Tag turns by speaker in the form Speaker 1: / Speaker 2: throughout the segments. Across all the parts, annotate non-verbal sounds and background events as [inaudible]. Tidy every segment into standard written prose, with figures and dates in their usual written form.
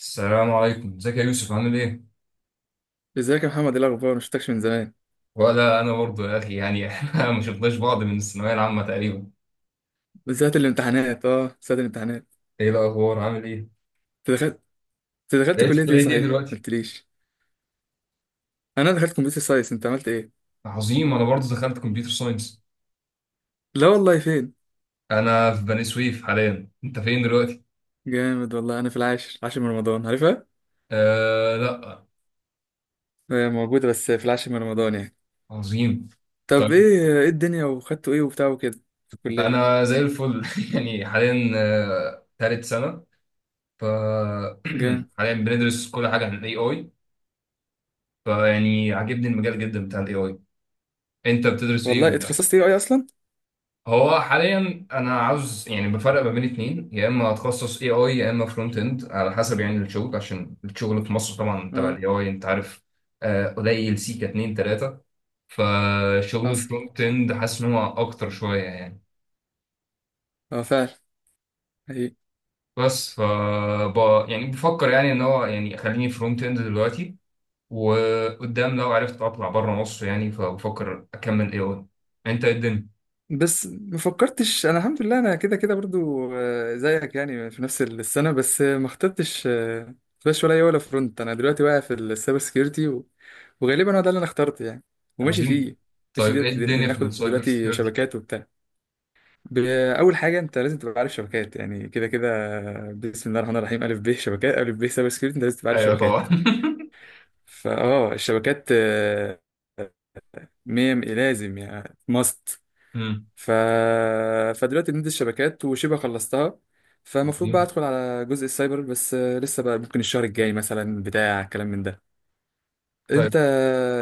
Speaker 1: السلام عليكم، ازيك يا يوسف؟ عامل ايه؟
Speaker 2: ازيك يا محمد؟ ايه الاخبار، ما شفتكش من زمان.
Speaker 1: ولا انا برضو يا اخي، يعني [laughs] احنا ما شفناش بعض من الثانويه العامه تقريبا.
Speaker 2: بالذات الامتحانات، ساعة الامتحانات.
Speaker 1: ايه الاخبار؟ عامل ايه؟
Speaker 2: انت دخلت انت دخلت
Speaker 1: بقيت في
Speaker 2: كلية ايه؟
Speaker 1: كليه ايه
Speaker 2: صحيح ما
Speaker 1: دلوقتي؟
Speaker 2: قلتليش. انا دخلت كمبيوتر ساينس، انت عملت ايه؟
Speaker 1: عظيم، انا برضو دخلت كمبيوتر ساينس.
Speaker 2: لا والله، فين؟
Speaker 1: انا في بني سويف حاليا، انت فين دلوقتي؟
Speaker 2: جامد والله. انا في العاشر، عاشر من رمضان، عارفها.
Speaker 1: آه، لا.
Speaker 2: آه، موجودة بس في العاشر من رمضان يعني.
Speaker 1: عظيم.
Speaker 2: طب
Speaker 1: طيب،
Speaker 2: ايه الدنيا، وخدتوا ايه وبتاع وكده في الكلية؟
Speaker 1: انا زي الفل [laughs] يعني حاليا. آه، تالت سنه. ف
Speaker 2: جامد
Speaker 1: [clears throat] حاليا بندرس كل حاجه عن الاي اي. فيعني عاجبني المجال جدا بتاع الاي اي. انت بتدرس ايه؟
Speaker 2: والله. اتخصصت ايه، اي اصلا؟
Speaker 1: هو حاليا انا عاوز، يعني بفرق ما بين اتنين، يا اما اتخصص اي اي يا اما فرونت اند، على حسب يعني الشغل، عشان الشغل في مصر طبعا تبع
Speaker 2: اه،
Speaker 1: الاي اي انت عارف. قليل سيكا اتنين تلاتة. فشغل
Speaker 2: حصل.
Speaker 1: الفرونت اند حاسس ان هو اكتر شوية يعني.
Speaker 2: اه، فعلا.
Speaker 1: بس يعني بفكر، يعني ان هو يعني خليني فرونت اند دلوقتي، وقدام لو عرفت اطلع بره مصر يعني، فبفكر اكمل اي اي. انت ايه الدنيا؟
Speaker 2: بس ما فكرتش. انا الحمد لله، انا كده كده برضو زيك يعني، في نفس السنه، بس ما اخترتش فلاش ولا اي ولا فرونت. انا دلوقتي واقع في السايبر سكيورتي وغالبا هو ده اللي انا اخترته يعني، وماشي
Speaker 1: عظيم.
Speaker 2: فيه. ماشي،
Speaker 1: طيب، ايه
Speaker 2: دلوقتي
Speaker 1: الدنيا في
Speaker 2: بناخد
Speaker 1: السايبر
Speaker 2: دلوقتي
Speaker 1: سيكيورتي؟
Speaker 2: شبكات وبتاع. ب- اول حاجه، انت لازم تبقى عارف شبكات، يعني كده كده. بسم الله الرحمن الرحيم، الف ب [laughs] شبكات، الف ب سايبر سكيورتي، انت لازم تبقى عارف
Speaker 1: ايوه
Speaker 2: شبكات.
Speaker 1: طبعا [laughs]
Speaker 2: فاه الشبكات مية لازم، يعني ماست.
Speaker 1: مم.
Speaker 2: ف... فدلوقتي بندي الشبكات وشبه خلصتها، فالمفروض بقى
Speaker 1: عظيم.
Speaker 2: ادخل على جزء السايبر، بس لسه بقى، ممكن الشهر الجاي مثلا بتاع كلام من ده.
Speaker 1: طيب،
Speaker 2: انت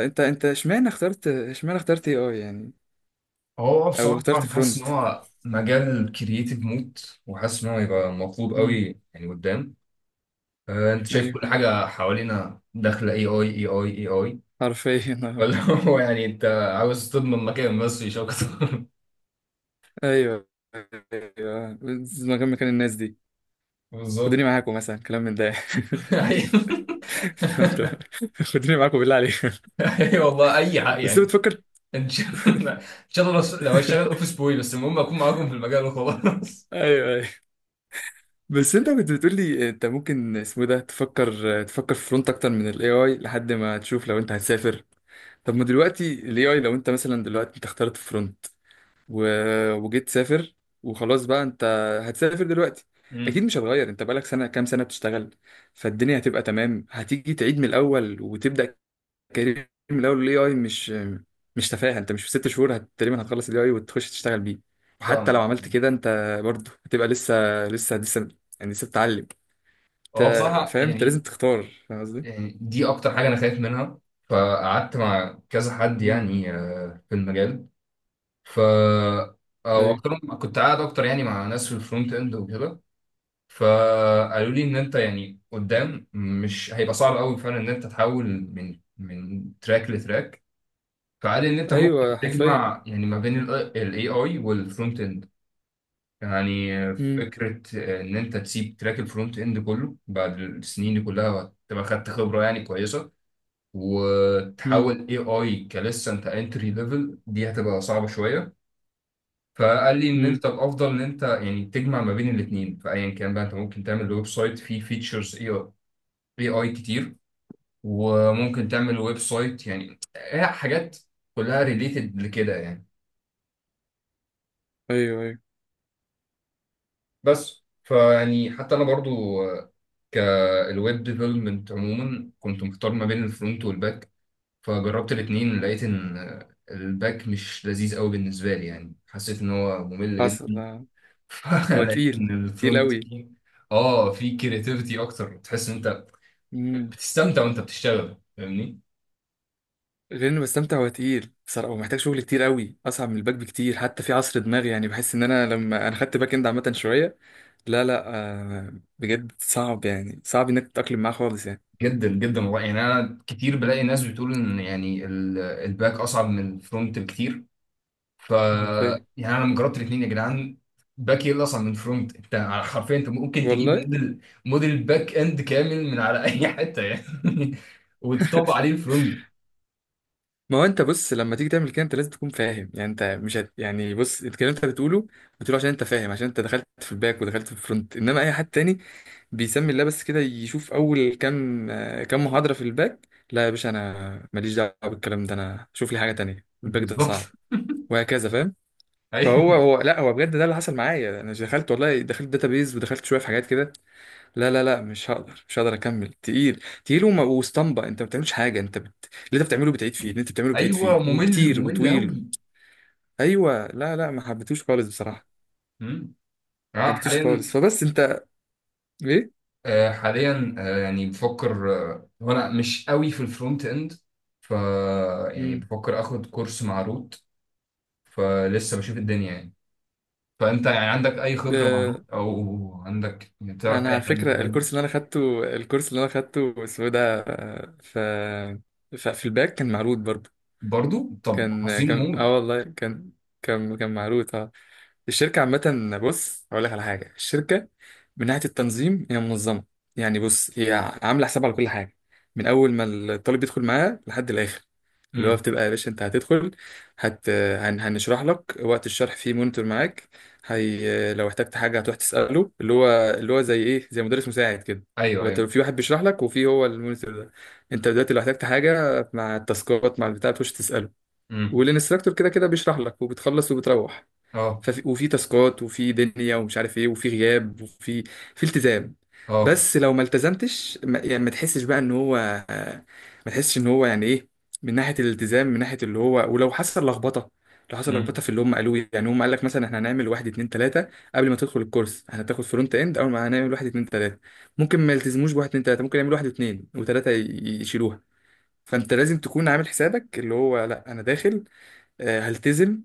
Speaker 2: انت اشمعنى اخترت اي اي يعني،
Speaker 1: هو
Speaker 2: او
Speaker 1: بصراحة
Speaker 2: اخترت
Speaker 1: أنا حاسس إن
Speaker 2: فرونت؟
Speaker 1: هو مجال كرييتيف موت، وحاسس إن هو يبقى مطلوب
Speaker 2: امم
Speaker 1: قوي يعني قدام. آه، أنت شايف
Speaker 2: ايوه،
Speaker 1: كل حاجة حوالينا داخلة أي أي أي أي أي أي.
Speaker 2: حرفيا [laughs] آه.
Speaker 1: ولا [laughs] هو يعني أنت عاوز تضمن مكان بس مش أكتر.
Speaker 2: ايوه، ايوه، مكان الناس دي،
Speaker 1: [laughs] بالظبط.
Speaker 2: خدوني معاكم مثلا كلام من ده [laughs]
Speaker 1: [laughs] أيوه.
Speaker 2: خدوني معاكم بالله عليك.
Speaker 1: أيوه والله، أي حق
Speaker 2: بس
Speaker 1: يعني.
Speaker 2: بتفكر.
Speaker 1: إن شاء الله إن شاء الله، لو هشتغل أوفيس
Speaker 2: [laughs]
Speaker 1: بوي بس المهم أكون معاكم في المجال وخلاص.
Speaker 2: ايوه، بس انت كنت بتقولي انت ممكن اسمه ده، تفكر في فرونت اكتر من الاي اي لحد ما تشوف لو انت هتسافر. طب ما دلوقتي الاي اي، لو انت مثلا دلوقتي انت اخترت فرونت و... وجيت تسافر وخلاص، بقى انت هتسافر دلوقتي.
Speaker 1: [laughs]
Speaker 2: اكيد
Speaker 1: أمم،
Speaker 2: مش هتغير، انت بقالك سنه، كام سنه بتشتغل. فالدنيا هتبقى تمام، هتيجي تعيد من الاول، وتبدا كارير من الاول. الاي اي مش تفاهه، انت مش في 6 شهور تقريبا هتخلص الاي اي وتخش تشتغل بيه. وحتى لو
Speaker 1: فاهمك.
Speaker 2: عملت كده، انت برضه هتبقى لسه، لسه يعني، لسه بتتعلم، انت
Speaker 1: هو بصراحة
Speaker 2: فاهم؟ انت لازم
Speaker 1: يعني،
Speaker 2: تختار، فاهم قصدي؟
Speaker 1: آه، دي اكتر حاجه انا خايف منها. فقعدت مع كذا حد
Speaker 2: مم.
Speaker 1: يعني في المجال. ف او
Speaker 2: ايوه.
Speaker 1: اكترهم كنت قاعد اكتر يعني مع ناس في الفرونت اند وكده. فقالوا لي ان انت يعني قدام مش هيبقى صعب قوي فعلا ان انت تحول من تراك لتراك. فقال لي ان انت ممكن
Speaker 2: ايوه. حرفيا.
Speaker 1: تجمع يعني ما بين الاي اي والفرونت اند يعني.
Speaker 2: امم.
Speaker 1: فكره ان انت تسيب تراك الفرونت اند كله، بعد السنين دي كلها تبقى خدت خبره يعني كويسه،
Speaker 2: امم.
Speaker 1: وتحول اي اي، كلسه انت انتري ليفل دي هتبقى صعبه شويه. فقال لي ان
Speaker 2: امم.
Speaker 1: انت الافضل ان انت يعني تجمع ما بين الاثنين، فايا كان بقى انت ممكن تعمل ويب سايت فيه فيتشرز اي اي كتير، وممكن تعمل ويب سايت، يعني هي حاجات كلها ريليتد لكده يعني.
Speaker 2: ايوه. ايوه.
Speaker 1: بس فيعني حتى انا برضو كالويب ديفلوبمنت عموما كنت محتار ما بين الفرونت والباك. فجربت الاتنين، لقيت ان الباك مش لذيذ قوي بالنسبه لي، يعني حسيت ان هو ممل
Speaker 2: حصل
Speaker 1: جدا.
Speaker 2: آه.
Speaker 1: [laughs]
Speaker 2: هو
Speaker 1: فلقيت
Speaker 2: تقيل،
Speaker 1: ان
Speaker 2: تقيل
Speaker 1: الفرونت
Speaker 2: قوي.
Speaker 1: تيم، اه، في كرياتيفيتي اكتر، تحس ان انت
Speaker 2: مم.
Speaker 1: بتستمتع وانت بتشتغل، فاهمني.
Speaker 2: غير انه بستمتع، هو تقيل بصراحه، ومحتاج شغل كتير قوي، اصعب من الباك بكتير. حتى في عصر دماغي يعني، بحس ان انا لما انا خدت باك اند عامه شويه. لا، لا، آه، بجد صعب، يعني صعب انك تتاقلم معاه خالص يعني.
Speaker 1: جدا جدا والله، يعني انا كتير بلاقي ناس بتقول ان يعني الباك اصعب من الفرونت بكتير. ف
Speaker 2: حرفيا.
Speaker 1: يعني انا لما جربت الاثنين يا جدعان، باك ايه اصلا من فرونت انت؟ حرفيا انت ممكن تجيب
Speaker 2: والله
Speaker 1: موديل باك اند كامل من على اي حته، يعني [laughs] وتطبق
Speaker 2: [laughs]
Speaker 1: عليه الفرونت.
Speaker 2: ما هو انت بص، لما تيجي تعمل كده، انت لازم تكون فاهم. يعني انت مش هت... يعني بص، الكلام اللي انت بتقوله عشان انت فاهم، عشان انت دخلت في الباك ودخلت في الفرونت. انما اي حد تاني بيسمي الله بس كده، يشوف اول كام كام محاضرة في الباك: لا يا باشا، انا ماليش دعوة بالكلام ده، انا شوف لي حاجة تانية، الباك ده
Speaker 1: بالظبط.
Speaker 2: صعب، وهكذا، فاهم؟ فهو
Speaker 1: ايوه.
Speaker 2: هو لا، هو بجد ده اللي حصل معايا. انا دخلت، والله دخلت داتابيز، ودخلت شوية في حاجات كده. لا، لا، لا، مش هقدر، مش هقدر اكمل، تقيل تقيل، وما واسطمبة. انت ما بتعملش حاجه، اللي انت بتعمله بتعيد فيه، اللي انت بتعمله بتعيد فيه،
Speaker 1: ايوه، ممل
Speaker 2: وكتير
Speaker 1: ممل
Speaker 2: وطويل.
Speaker 1: قوي.
Speaker 2: ايوه. لا، لا، ما حبيتوش خالص بصراحه، ما
Speaker 1: مم. اه
Speaker 2: حبيتوش خالص.
Speaker 1: حاليا.
Speaker 2: فبس انت ايه؟
Speaker 1: آه حاليا، يعني بفكر، هو انا مش قوي في الفرونت اند. ف يعني
Speaker 2: امم.
Speaker 1: بفكر اخد كورس مع روت، فلسه بشوف الدنيا يعني. فانت يعني عندك اي خبره معلومه،
Speaker 2: آه.
Speaker 1: او عندك يعني تعرف
Speaker 2: انا
Speaker 1: اي
Speaker 2: على
Speaker 1: حد
Speaker 2: فكره
Speaker 1: حلو؟
Speaker 2: الكورس اللي انا خدته، اسمه إيه ده. ف في الباك كان معروض برضه.
Speaker 1: برضو، طب
Speaker 2: كان،
Speaker 1: عظيم موت.
Speaker 2: اه والله كان، كان معروض اه. الشركة عامة، بص هقول لك على حاجة. الشركة من ناحية التنظيم هي منظمة. يعني بص، هي عاملة حساب على كل حاجة، من أول ما الطالب يدخل معاها لحد الآخر. اللي هو
Speaker 1: امم.
Speaker 2: بتبقى يا باشا، أنت هتدخل، هنشرح لك، وقت الشرح فيه مونيتور معاك. لو احتجت حاجة هتروح تسأله، اللي هو زي إيه زي مدرس مساعد كده.
Speaker 1: ايوه
Speaker 2: هو أنت
Speaker 1: ايوه.
Speaker 2: في واحد بيشرح لك، وفي هو المونيتور ده. أنت دلوقتي لو احتجت حاجة مع التاسكات مع البتاع، بتخش تسأله.
Speaker 1: امم.
Speaker 2: والانستراكتور كده كده بيشرح لك، وبتخلص وبتروح.
Speaker 1: اه
Speaker 2: ففي، وفي تاسكات، وفي دنيا، ومش عارف ايه، وفي غياب، وفي في التزام.
Speaker 1: اه.
Speaker 2: بس لو ما التزمتش، ما يعني ما تحسش بقى ان هو، ما تحسش ان هو يعني ايه، من ناحيه الالتزام، من ناحيه اللي هو، ولو حصل لخبطه، لو حصل لخبطه
Speaker 1: امم.
Speaker 2: في اللي هم قالوه إيه. يعني هم قال لك مثلا، احنا هنعمل واحد اتنين تلاته. قبل ما تدخل الكورس، احنا هتاخد فرونت اند، اول ما هنعمل واحد اتنين تلاته. ممكن ما يلتزموش بواحد اتنين تلاته، ممكن يعملوا واحد اتنين وتلاته يشيلوها. فانت لازم تكون عامل حسابك اللي هو، لا انا داخل، هلتزم،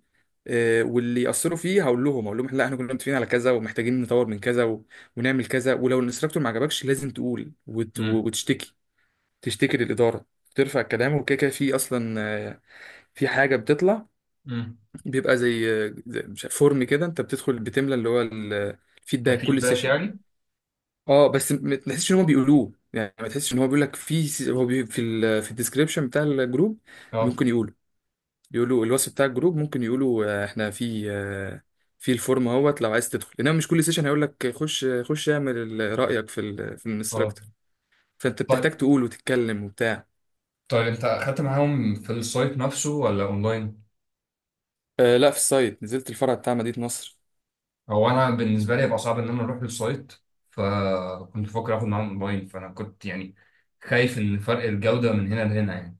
Speaker 2: واللي يأثروا فيه هقول لهم لا، احنا كنا متفقين على كذا، ومحتاجين نطور من كذا ونعمل كذا. ولو الانستراكتور ما عجبكش، لازم تقول
Speaker 1: امم.
Speaker 2: وتشتكي، تشتكي للإدارة، ترفع الكلام وكده كده. في اصلا في حاجه بتطلع،
Speaker 1: امم.
Speaker 2: بيبقى زي مش عارف، فورم كده، انت بتدخل بتملى اللي هو الفيدباك كل
Speaker 1: كفيدباك
Speaker 2: سيشن.
Speaker 1: يعني.
Speaker 2: اه، بس ما تحسش ان هم بيقولوه يعني، ما تحسش ان هو بيقول لك، في هو في الديسكريبشن بتاع الجروب.
Speaker 1: اه
Speaker 2: ممكن يقول، يقولوا الوصف بتاع الجروب، ممكن يقولوا احنا في في الفورم اهوت لو عايز تدخل. انما مش كل سيشن هيقول لك خش خش اعمل رايك في في
Speaker 1: اه.
Speaker 2: الانستراكتور. فانت
Speaker 1: طيب
Speaker 2: بتحتاج تقول وتتكلم وبتاع.
Speaker 1: طيب، انت اخدت معاهم في السايت نفسه ولا اونلاين؟
Speaker 2: آه لا، في السايت، نزلت الفرع بتاع مدينه نصر.
Speaker 1: هو انا بالنسبه لي هيبقى صعب ان انا اروح للسايت، فكنت بفكر اخد معاهم اونلاين، فانا كنت يعني خايف ان فرق الجوده من هنا لهنا يعني.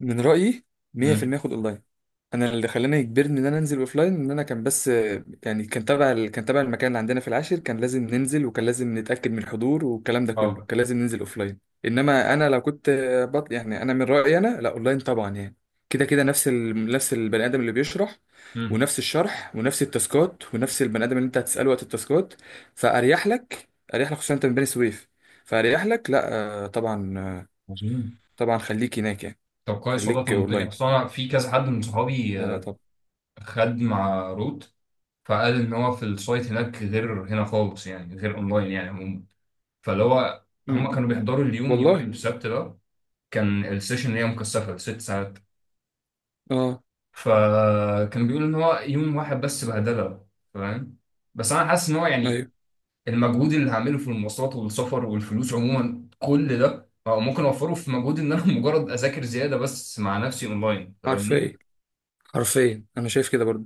Speaker 2: من رأيي
Speaker 1: امم.
Speaker 2: 100% خد اونلاين. انا اللي خلاني يجبرني ان انا انزل اوفلاين، ان انا كان بس يعني، كان تبع كان تبع المكان اللي عندنا في العاشر، كان لازم ننزل، وكان لازم نتأكد من الحضور، والكلام ده كله
Speaker 1: اه.
Speaker 2: كان لازم ننزل اوفلاين. انما انا لو كنت يعني انا من رأيي انا، لا اونلاين طبعا يعني. كده كده نفس نفس البني ادم اللي بيشرح،
Speaker 1: امم.
Speaker 2: ونفس الشرح، ونفس التاسكات، ونفس البني ادم اللي انت هتسأله وقت التاسكات. فاريح لك اريح لك، خصوصا انت من بني سويف، فاريح لك. لا طبعا
Speaker 1: عظيم.
Speaker 2: طبعا، خليك هناك يعني،
Speaker 1: طب كويس والله،
Speaker 2: خليك
Speaker 1: طمنتني، اصل
Speaker 2: اونلاين.
Speaker 1: انا في كذا حد من صحابي
Speaker 2: لا، لا. طب.
Speaker 1: خد مع روت، فقال ان هو في السايت هناك غير هنا خالص يعني، غير اونلاين يعني عموما. فاللي هو، هم
Speaker 2: امم.
Speaker 1: كانوا بيحضروا اليوم يوم
Speaker 2: والله.
Speaker 1: السبت ده كان السيشن اللي هي مكثفه لـ 6 ساعات.
Speaker 2: اه.
Speaker 1: فكان بيقول ان هو يوم واحد بس بهدله. فاهم. بس انا حاسس ان هو يعني
Speaker 2: ايوه.
Speaker 1: المجهود اللي هعمله في المواصلات والسفر والفلوس عموما، كل ده أو ممكن اوفره في مجهود ان انا [laughs] مجرد اذاكر زياده بس مع نفسي اونلاين، فاهمني.
Speaker 2: حرفيا حرفيا انا شايف كده برضه،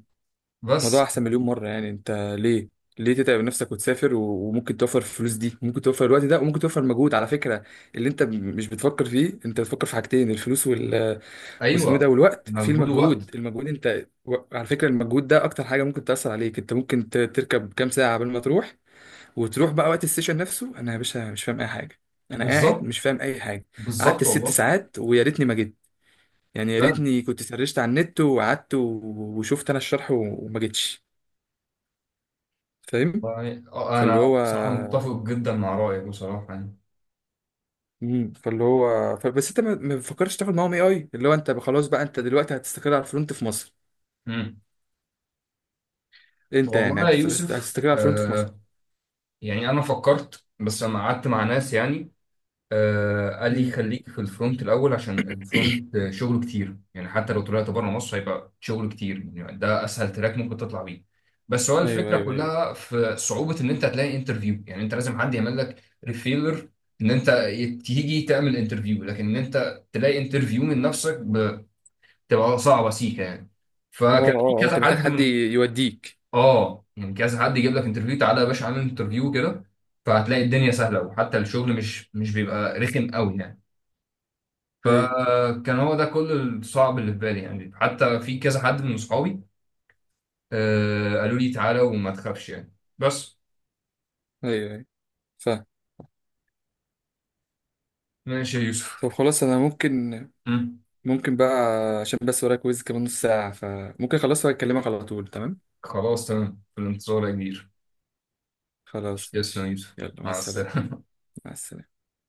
Speaker 2: الموضوع
Speaker 1: بس.
Speaker 2: احسن مليون مره يعني. انت ليه ليه تتعب نفسك وتسافر وممكن توفر الفلوس دي، ممكن توفر الوقت ده، وممكن توفر مجهود على فكره اللي انت مش بتفكر فيه. انت بتفكر في حاجتين، الفلوس واسمه إيه ده،
Speaker 1: ايوه،
Speaker 2: والوقت، في
Speaker 1: مجهود
Speaker 2: المجهود.
Speaker 1: ووقت.
Speaker 2: المجهود، انت على فكره المجهود ده اكتر حاجه ممكن تاثر عليك. انت ممكن تركب كام ساعه قبل ما تروح، وتروح بقى وقت السيشن نفسه: انا يا باشا مش فاهم اي حاجه، انا قاعد
Speaker 1: بالظبط
Speaker 2: مش فاهم اي حاجه. قعدت
Speaker 1: بالظبط
Speaker 2: الست
Speaker 1: والله.
Speaker 2: ساعات ويا ريتني ما جيت. يعني يا
Speaker 1: فعلا
Speaker 2: ريتني كنت سرشت على النت وقعدت وشفت انا الشرح وما جيتش، فاهم؟
Speaker 1: يعني،
Speaker 2: فاللي
Speaker 1: انا
Speaker 2: هو
Speaker 1: بصراحه متفق جدا مع رايك بصراحه يعني.
Speaker 2: فاللي هو بس انت ما بتفكرش تاخد معاهم اي اي، اللي هو انت خلاص بقى، انت دلوقتي هتستقر على الفرونت في مصر.
Speaker 1: امم.
Speaker 2: انت يعني
Speaker 1: والله يا يوسف،
Speaker 2: هتستقر على الفرونت في مصر.
Speaker 1: يعني انا فكرت بس لما قعدت مع ناس يعني، آه قال لي
Speaker 2: مم.
Speaker 1: خليك في الفرونت الاول، عشان الفرونت شغله كتير يعني، حتى لو طلعت بره مصر هيبقى شغل كتير يعني، ده اسهل تراك ممكن تطلع بيه. بس هو
Speaker 2: ايوه،
Speaker 1: الفكره
Speaker 2: ايوه، ايوه.
Speaker 1: كلها في صعوبه ان انت تلاقي انترفيو، يعني انت لازم حد يعمل لك ريفيلر ان انت تيجي تعمل انترفيو، لكن ان انت تلاقي انترفيو من نفسك بتبقى صعبه سيكه يعني.
Speaker 2: اه،
Speaker 1: فكان في
Speaker 2: اه، أه. انت
Speaker 1: كذا
Speaker 2: محتاج
Speaker 1: حد
Speaker 2: حد
Speaker 1: من،
Speaker 2: يوديك.
Speaker 1: اه يعني كذا حد يجيب لك انترفيو، تعالى يا باشا اعمل انترفيو كده، فهتلاقي الدنيا سهله، وحتى الشغل مش بيبقى رخم قوي يعني.
Speaker 2: ايوه،
Speaker 1: فكان هو ده كل الصعب اللي في بالي يعني، حتى في كذا حد من صحابي آه قالوا لي تعالى وما تخافش يعني بس.
Speaker 2: ايوه، ايوه. فاهم.
Speaker 1: ماشي يا
Speaker 2: طب
Speaker 1: يوسف.
Speaker 2: خلاص، انا
Speaker 1: مم.
Speaker 2: ممكن بقى، عشان بس ورايا كويز كمان نص ساعة، فممكن خلاص واكلمك على طول، تمام.
Speaker 1: خلاص تمام، في الانتظار يا كبير.
Speaker 2: خلاص،
Speaker 1: تسلم يا
Speaker 2: ماشي،
Speaker 1: يوسف.
Speaker 2: يلا، مع
Speaker 1: مع
Speaker 2: السلامة.
Speaker 1: السلامة.
Speaker 2: مع السلامة.